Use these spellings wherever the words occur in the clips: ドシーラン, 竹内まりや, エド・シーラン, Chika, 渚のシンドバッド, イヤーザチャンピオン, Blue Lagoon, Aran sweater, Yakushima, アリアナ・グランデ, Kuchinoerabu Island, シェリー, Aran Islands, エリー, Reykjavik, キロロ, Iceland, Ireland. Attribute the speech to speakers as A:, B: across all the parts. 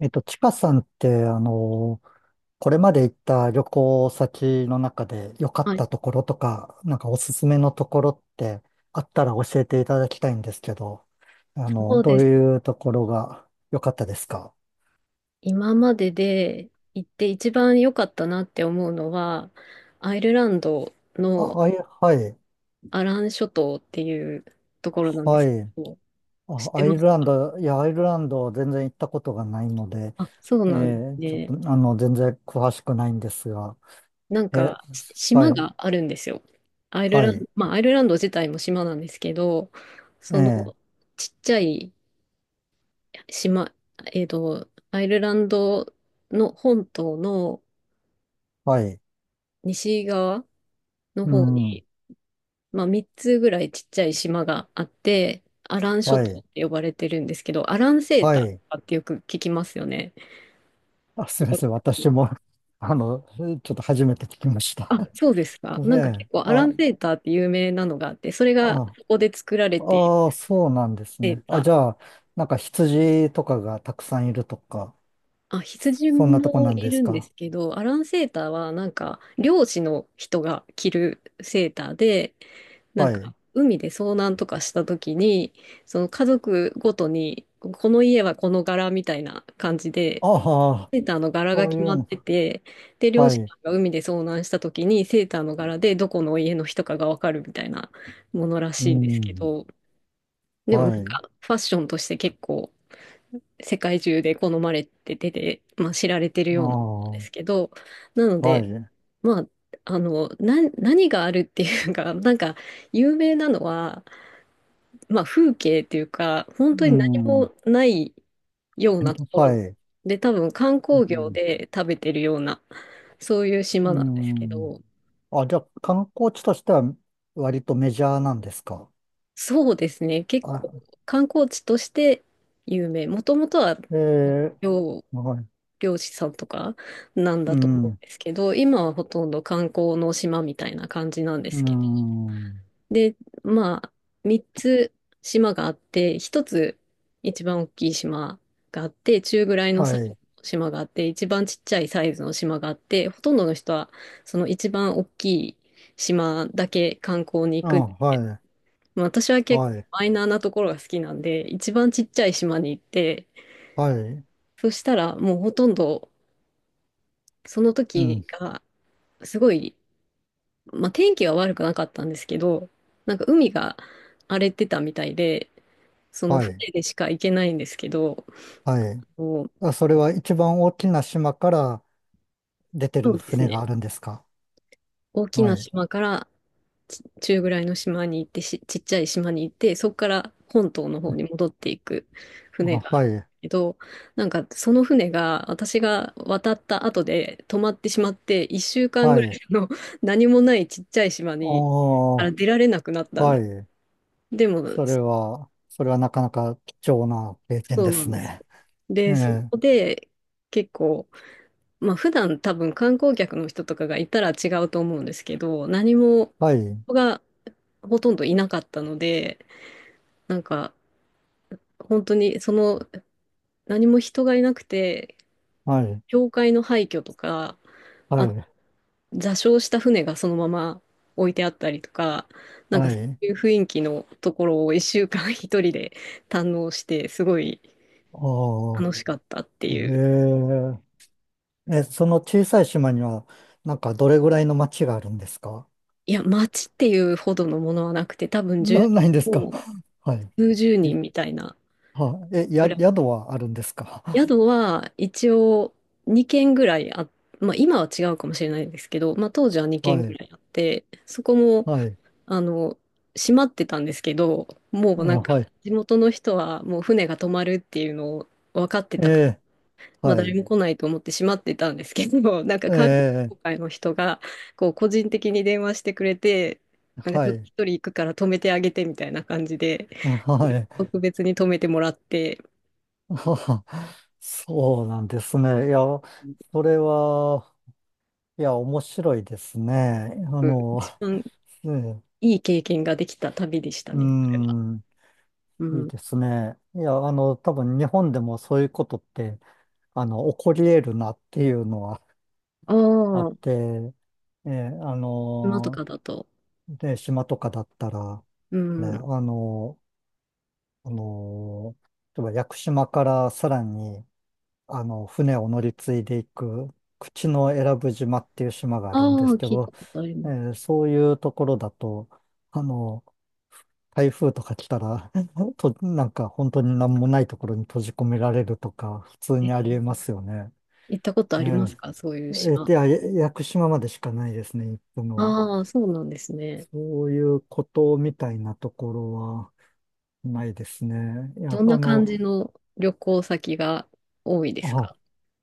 A: ちかさんって、これまで行った旅行先の中で良かっ
B: はい、
A: たところとか、なんかおすすめのところってあったら教えていただきたいんですけど、
B: そう
A: ど
B: で
A: う
B: す。
A: いうところが良かったですか？
B: 今までで行って一番良かったなって思うのは、アイルランドの
A: あ、はい、
B: アラン諸島っていうところなんで
A: は
B: す
A: い。
B: けど、知っ
A: あ、
B: て
A: アイ
B: ま
A: ル
B: す
A: ラン
B: か？
A: ド、いや、アイルランド全然行ったことがないので、
B: そう
A: え
B: なんです
A: ちょっ
B: ね。
A: と、全然詳しくないんですが、
B: なん
A: え、
B: か、
A: は
B: 島
A: い、
B: があるんですよ。アイル
A: は
B: ランド、
A: い、
B: まあ、アイルランド自体も島なんですけど、
A: え
B: その
A: ー
B: ちっちゃい島、アイルランドの本島の
A: はい、
B: 西側の
A: う
B: 方に、
A: ん、
B: まあ、3つぐらいちっちゃい島があって、アラン諸
A: は
B: 島っ
A: い、
B: て呼ばれてるんですけど、アランセータ
A: は
B: ー
A: い。
B: とかってよく聞きますよね。
A: あ、す
B: 聞い
A: みま
B: た
A: せ
B: こ
A: ん。
B: と
A: 私も、あの、ちょっと初めて聞きました。
B: あ、そうです か。なんか
A: え
B: 結
A: え、
B: 構アラ
A: あ、
B: ンセーターって有名なのがあって、それが
A: あ、
B: そこで作られている
A: ああ、そうなんです
B: セー
A: ね。
B: タ
A: あ、じゃ
B: ー。
A: あ、なんか羊とかがたくさんいるとか、
B: あ、羊
A: そんなとこ
B: も
A: なん
B: い
A: で
B: る
A: す
B: んで
A: か？
B: すけど、アランセーターはなんか漁師の人が着るセーターで、なん
A: はい。
B: か海で遭難とかした時に、その家族ごとに、この家はこの柄みたいな感じで、
A: ああ、
B: セーターの柄が
A: そう
B: 決
A: い
B: ま
A: う
B: っ
A: の
B: て
A: か。
B: て、で、漁
A: は
B: 師
A: い。
B: さんが海で遭難した時にセーターの柄でどこの家の人かがわかるみたいなものら
A: う
B: しいんですけ
A: ん。
B: ど、でもな
A: は
B: ん
A: い。
B: かファッションとして結構世界中で好まれてて、まあ、知られてる
A: あ
B: ようなんで
A: あ、
B: すけど、なの
A: は
B: で、
A: い。
B: まあ、何があるっていうか、なんか有名なのは、まあ、風景っていうか、本当
A: う
B: に何
A: ん。
B: もないようなと ころ
A: はい。
B: で、多分観
A: う
B: 光業
A: ん。
B: で食べてるような、そういう
A: う
B: 島なんですけ
A: ん。
B: ど、
A: あ、じゃあ、観光地としては割とメジャーなんですか？
B: そうですね、結構
A: あ、
B: 観光地として有名。もともとは
A: ええ、
B: 漁、
A: はい。
B: 漁師さんとかなん
A: う
B: だと思う
A: ん。
B: んですけど、今はほとんど観光の島みたいな感じなんで
A: うー
B: すけど。
A: ん。
B: で、まあ、3つ島があって、1つ一番大きい島があって、中ぐらいの
A: は
B: サイズの
A: い。
B: 島があって、一番ちっちゃいサイズの島があって、ほとんどの人はその一番大きい島だけ観光に行く。
A: あ、はい。
B: まあ、私は結
A: は
B: 構
A: い。
B: マイナーなところが好きなんで、一番ちっちゃい島に行って、
A: はい。
B: そしたらもうほとんどその
A: う
B: 時
A: ん。
B: がすごい、まあ、天気は悪くなかったんですけど、なんか海が荒れてたみたいで、その
A: はい。
B: 船でしか行けないんですけど、
A: はい。
B: もう
A: あ、それは一番大きな島から出て
B: そ
A: る
B: うです
A: 船
B: ね。
A: があるんですか？
B: 大き
A: は
B: な
A: い。
B: 島から中ぐらいの島に行って、ちっちゃい島に行って、そこから本島の方に戻っていく
A: あ、
B: 船がある
A: は
B: んです
A: い。
B: けど、なんかその船が私が渡った後で止まってしまって、1週間ぐ
A: は
B: らい
A: い。
B: の 何もないちっちゃい島か
A: おー、
B: ら出られなくなったんで
A: は
B: す。
A: い。
B: でも、
A: それはなかなか貴重な経験
B: そう
A: で
B: な
A: す
B: んです。
A: ね。
B: で、そ
A: ねえ。
B: こで結構、まあ普段多分観光客の人とかがいたら違うと思うんですけど、何も
A: はい。
B: 人がほとんどいなかったので、なんか本当にその何も人がいなくて、
A: はい。
B: 教会の廃墟とか、
A: は
B: あ、
A: い。
B: 座礁した船がそのまま置いてあったりとか、なんか
A: は
B: そ
A: い。
B: ういう雰囲気のところを一週間 一人で堪能して、すごい
A: おー。
B: 楽しかったってい
A: え
B: う。
A: え。え、その小さい島には、なんかどれぐらいの町があるんですか？
B: いや、街っていうほどのものはなくて、多分
A: ないんですか？
B: もう
A: は
B: 数十
A: い。い
B: 人みたいな。
A: は、え、や、宿はあるんですか？
B: 宿 は一応2軒ぐらいまあ今は違うかもしれないですけど、まあ当時は2
A: は
B: 軒ぐ
A: い。
B: らいあって、そこも、
A: はい。
B: あの、閉まってたんですけど、も
A: あ、
B: うなんか
A: はい。
B: 地元の人はもう船が止まるっていうのを分かって
A: え
B: たから、
A: え、
B: まあ
A: は
B: 誰
A: い。
B: も来ないと思って閉まってたんですけど、なんか
A: え
B: 観光
A: え、
B: 協会の人がこう個人的に電話してくれて、なんか
A: は
B: ちょっと
A: い。
B: 一人行くから止めてあげてみたいな感じで、
A: あ、はい。
B: 特別に止めてもらって、
A: はは。そうなんですね。いや、それは、いや、面白いですね。
B: 一番
A: ええ、
B: いい経験ができた旅でした
A: う
B: ね、それは。
A: ん、
B: う
A: いい
B: ん。
A: ですね。いや、多分日本でもそういうことって、起こり得るなっていうのは
B: あ
A: あっ
B: あ、
A: て、ええ、
B: 今とかだと。
A: で、島とかだったら、
B: う
A: ね、
B: ん。
A: あの、例えば屋久島からさらに、船を乗り継いでいく、口永良部島っていう島があるんで
B: ああ、
A: すけ
B: 聞い
A: ど、
B: たことあります。
A: そういうところだと、あの、台風とか来たら、なんか本当に何もないところに閉じ込められるとか、普通
B: え、
A: にありえますよね。
B: 行ったことあ
A: え
B: りますかそういう
A: え
B: 島？
A: で、屋久島までしかないですね、行くのは。
B: ああ、そうなんですね。
A: そういうことみたいなところは、ないですね。い
B: ど
A: や、
B: んな感じの旅行先が多いです
A: あ、
B: か？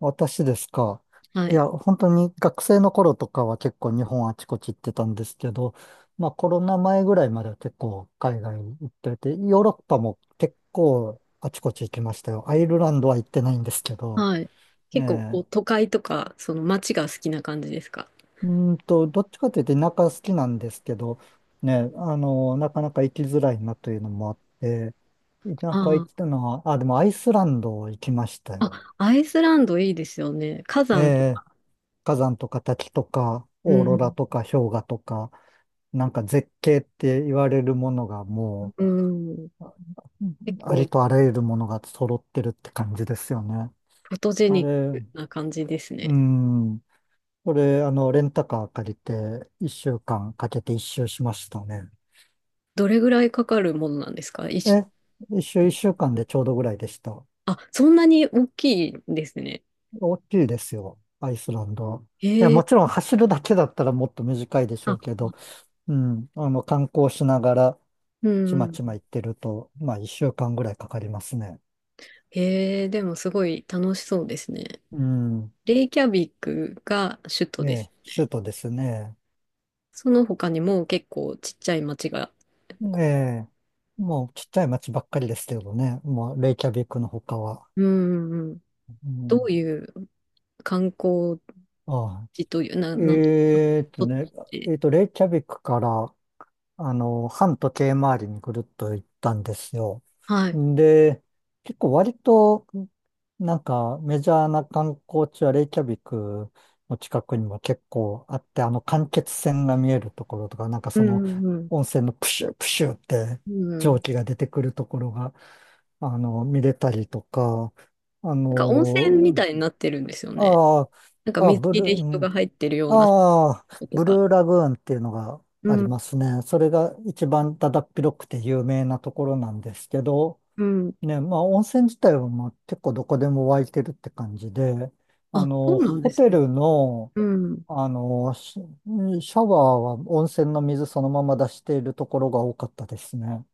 A: 私ですか？
B: は
A: い
B: い。
A: や、本当に学生の頃とかは結構日本あちこち行ってたんですけど、まあコロナ前ぐらいまでは結構海外に行ってて、ヨーロッパも結構あちこち行きましたよ。アイルランドは行ってないんですけど、
B: はい。
A: え
B: 結構こう
A: え、
B: 都会とか、その街が好きな感じですか？
A: うどっちかというと田舎好きなんですけど、ね、なかなか行きづらいなというのもあって、田舎行
B: あ
A: ったのは、あ、でもアイスランド行きました
B: あ。
A: よ。
B: あ、アイスランドいいですよね。火
A: え
B: 山と
A: え、
B: か。
A: 火山とか滝とか、
B: う
A: オーロラ
B: ん。
A: とか氷河とか、なんか絶景って言われるものがも
B: うん。
A: う、うん、
B: 結
A: あり
B: 構
A: とあらゆるものが揃ってるって感じですよね。
B: フォトジェ
A: あ
B: ニッ
A: れ、
B: クな感じです
A: う
B: ね。
A: ん。これ、レンタカー借りて、一週間かけて一周しましたね。
B: どれぐらいかかるものなんですか一緒？
A: え、一周一週間でちょうどぐらいでした。
B: あ、そんなに大きいんですね。
A: 大きいですよ、アイスランド。いや、
B: へえ、
A: もちろん走るだけだったらもっと短いでしょ
B: あ、
A: うけど、うん、観光しながら、
B: う
A: ちま
B: ん。
A: ちま行ってると、まあ、一週間ぐらいかかりますね。
B: へえ、でもすごい楽しそうですね。
A: うん。
B: レイキャビックが首都
A: え
B: で
A: え、
B: す
A: 首
B: ね。
A: 都ですね。
B: その他にも結構ちっちゃい町が、
A: ええ、もうちっちゃい町ばっかりですけどね。もう、レイキャビックの他は。
B: うん、うんうん、
A: う
B: ど
A: ん、
B: ういう観光
A: ああ、
B: 地という、な、な、
A: えーっと
B: とっ
A: ね、え
B: て、
A: ーっと、レイキャビックから、反時計回りにぐるっと行ったんですよ。
B: はい。
A: で、結構割と、なんかメジャーな観光地はレイキャビクの近くにも結構あって、間欠泉が見えるところとか、なんか
B: う
A: その
B: ん、うん、
A: 温泉のプシュプシュって
B: うん。う
A: 蒸
B: ん、
A: 気が出てくるところが、見れたりとか、あ
B: なんか温泉み
A: の、
B: たいになってるんですよね。
A: あ
B: なんか
A: あ、あ
B: 水
A: ブ
B: 着
A: ルー、
B: で
A: う
B: 人
A: ん、
B: が入ってるような
A: ああ、
B: こと
A: ブ
B: が。
A: ルーラグーンっていうのが
B: う
A: あり
B: ん
A: ますね。それが一番だだっ広くて有名なところなんですけど、
B: うん。
A: ね、まあ温泉自体はまあ結構どこでも湧いてるって感じで、
B: あ、そうなんで
A: ホ
B: す
A: テ
B: ね。
A: ルの、
B: うん。
A: シシャワーは温泉の水そのまま出しているところが多かったですね。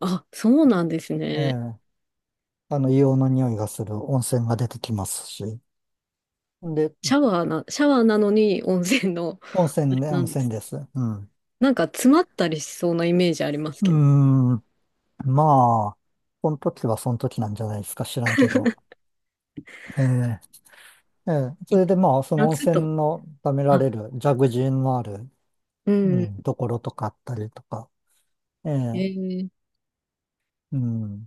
B: あ、そうなんです
A: ええ、
B: ね。
A: 硫黄の匂いがする温泉が出てきますし。で、
B: シャワーなのに温泉の、
A: 温
B: あ
A: 泉
B: れ
A: ね、
B: な
A: 温
B: んで
A: 泉
B: す。
A: です。うん。
B: なんか詰まったりしそうなイメージあります
A: ー
B: けど。
A: んまあ、その時はその時なんじゃないですか、知らんけど。ええええ、そ
B: い
A: れでまあ、その温
B: 夏とか。
A: 泉のためら
B: あ、
A: れる、ジャグジーのある、
B: う
A: う
B: ん。
A: ん、ところとかあったりとか。ええ、
B: えー
A: うん。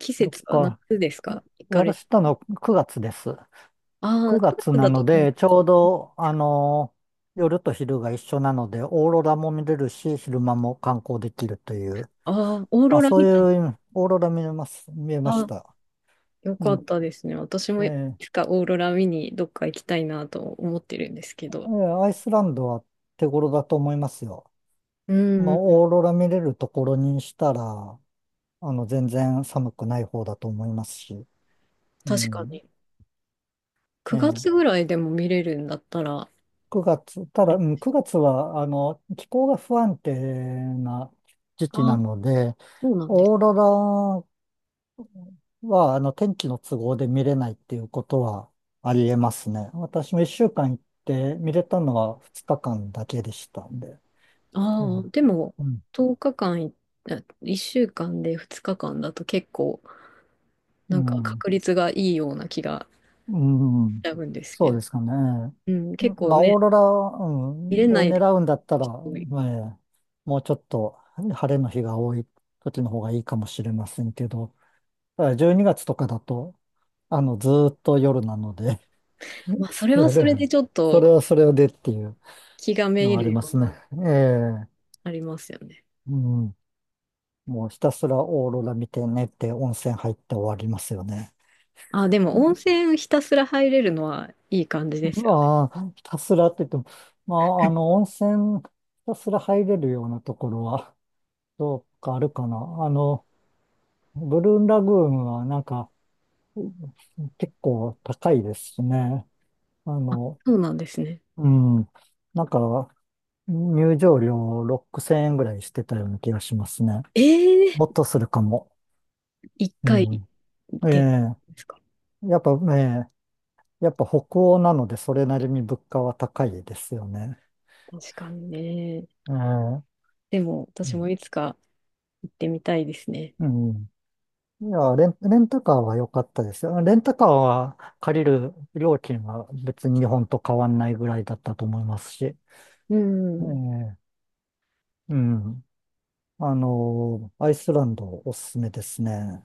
B: 季
A: どっ
B: 節は夏
A: か、
B: ですか行かれた
A: 私行った
B: のは？
A: の9月です。
B: ああ、
A: 9
B: 9
A: 月
B: 月
A: な
B: だと、
A: ので、ちょうど、夜と昼が一緒なので、オーロラも見れるし、昼間も観光できるという、
B: ああ、オーロ
A: あ、
B: ラ
A: そ
B: 見
A: う
B: たの？
A: いう、オーロラ見えます、見えま
B: あ
A: し
B: あ、
A: た。
B: よ
A: う
B: か
A: ん。
B: ったですね。私も
A: え
B: い
A: え
B: つかオーロラ見にどっか行きたいなと思ってるんですけ
A: え
B: ど。
A: え、アイスランドは手頃だと思いますよ。
B: う
A: まあ、
B: ん、
A: オーロラ見れるところにしたら、全然寒くない方だと思いますし。う
B: 確か
A: ん。
B: に。9
A: え
B: 月
A: え、
B: ぐらいでも見れるんだったら、
A: 9月、た
B: あ
A: だ、
B: れ、
A: うん、9月は、気候が不安定な時期な
B: あ、
A: ので、
B: そうなんです。
A: オーロラは、天気の都合で見れないっていうことはありえますね。私も1週間行って見れたのは2日間だけでしたんで。う
B: ああ、
A: ん。
B: でも、
A: うん。
B: 10日間い、あ1週間で2日間だと結構、
A: う
B: なんか
A: ん
B: 確率がいいような気が
A: う
B: しち
A: ん、
B: ゃうんですけ
A: そうで
B: ど。
A: すかね。
B: うん、
A: う
B: 結
A: ん、
B: 構
A: まあ、オー
B: ね、
A: ロラ、う
B: 入
A: ん、
B: れな
A: を
B: いで
A: 狙うんだったら、
B: 人もいる。
A: まあもうちょっと晴れの日が多い時の方がいいかもしれませんけど、ただ12月とかだと、ずーっと夜なので
B: まあ、そ れ
A: そ
B: はそ
A: れ、
B: れでちょっ
A: それ
B: と
A: はそれでっていう
B: 気がめ
A: の
B: い
A: はあ
B: る
A: り
B: よ
A: ま
B: う
A: すね。
B: な、
A: ええ、
B: ありますよね。
A: うん、もうひたすらオーロラ見て寝て温泉入って終わりますよね。
B: あ、でも温泉ひたすら入れるのはいい感じですよね。
A: まあ、ひたすらって言っても、まあ、温泉、ひたすら入れるようなところは、どうかあるかな。ブルーンラグーンはなんか、結構高いですしね。あ
B: あ、
A: の、
B: そうなんですね。
A: うん、なんか、入場料6000円ぐらいしてたような気がしますね。
B: え
A: もっ
B: え、
A: とするかも。
B: 1
A: う
B: 回
A: ん。え
B: でですか？
A: え、やっぱ、ええ、やっぱ北欧なので、それなりに物価は高いですよね。
B: 確かにね。
A: ええ、
B: でも、
A: う
B: 私も
A: ん。
B: いつか行ってみたいですね。
A: うん、いや、レンタカーは良かったですよ。レンタカーは借りる料金は別に日本と変わんないぐらいだったと思いますし。え
B: うん。
A: え、うん。アイスランドおすすめですね。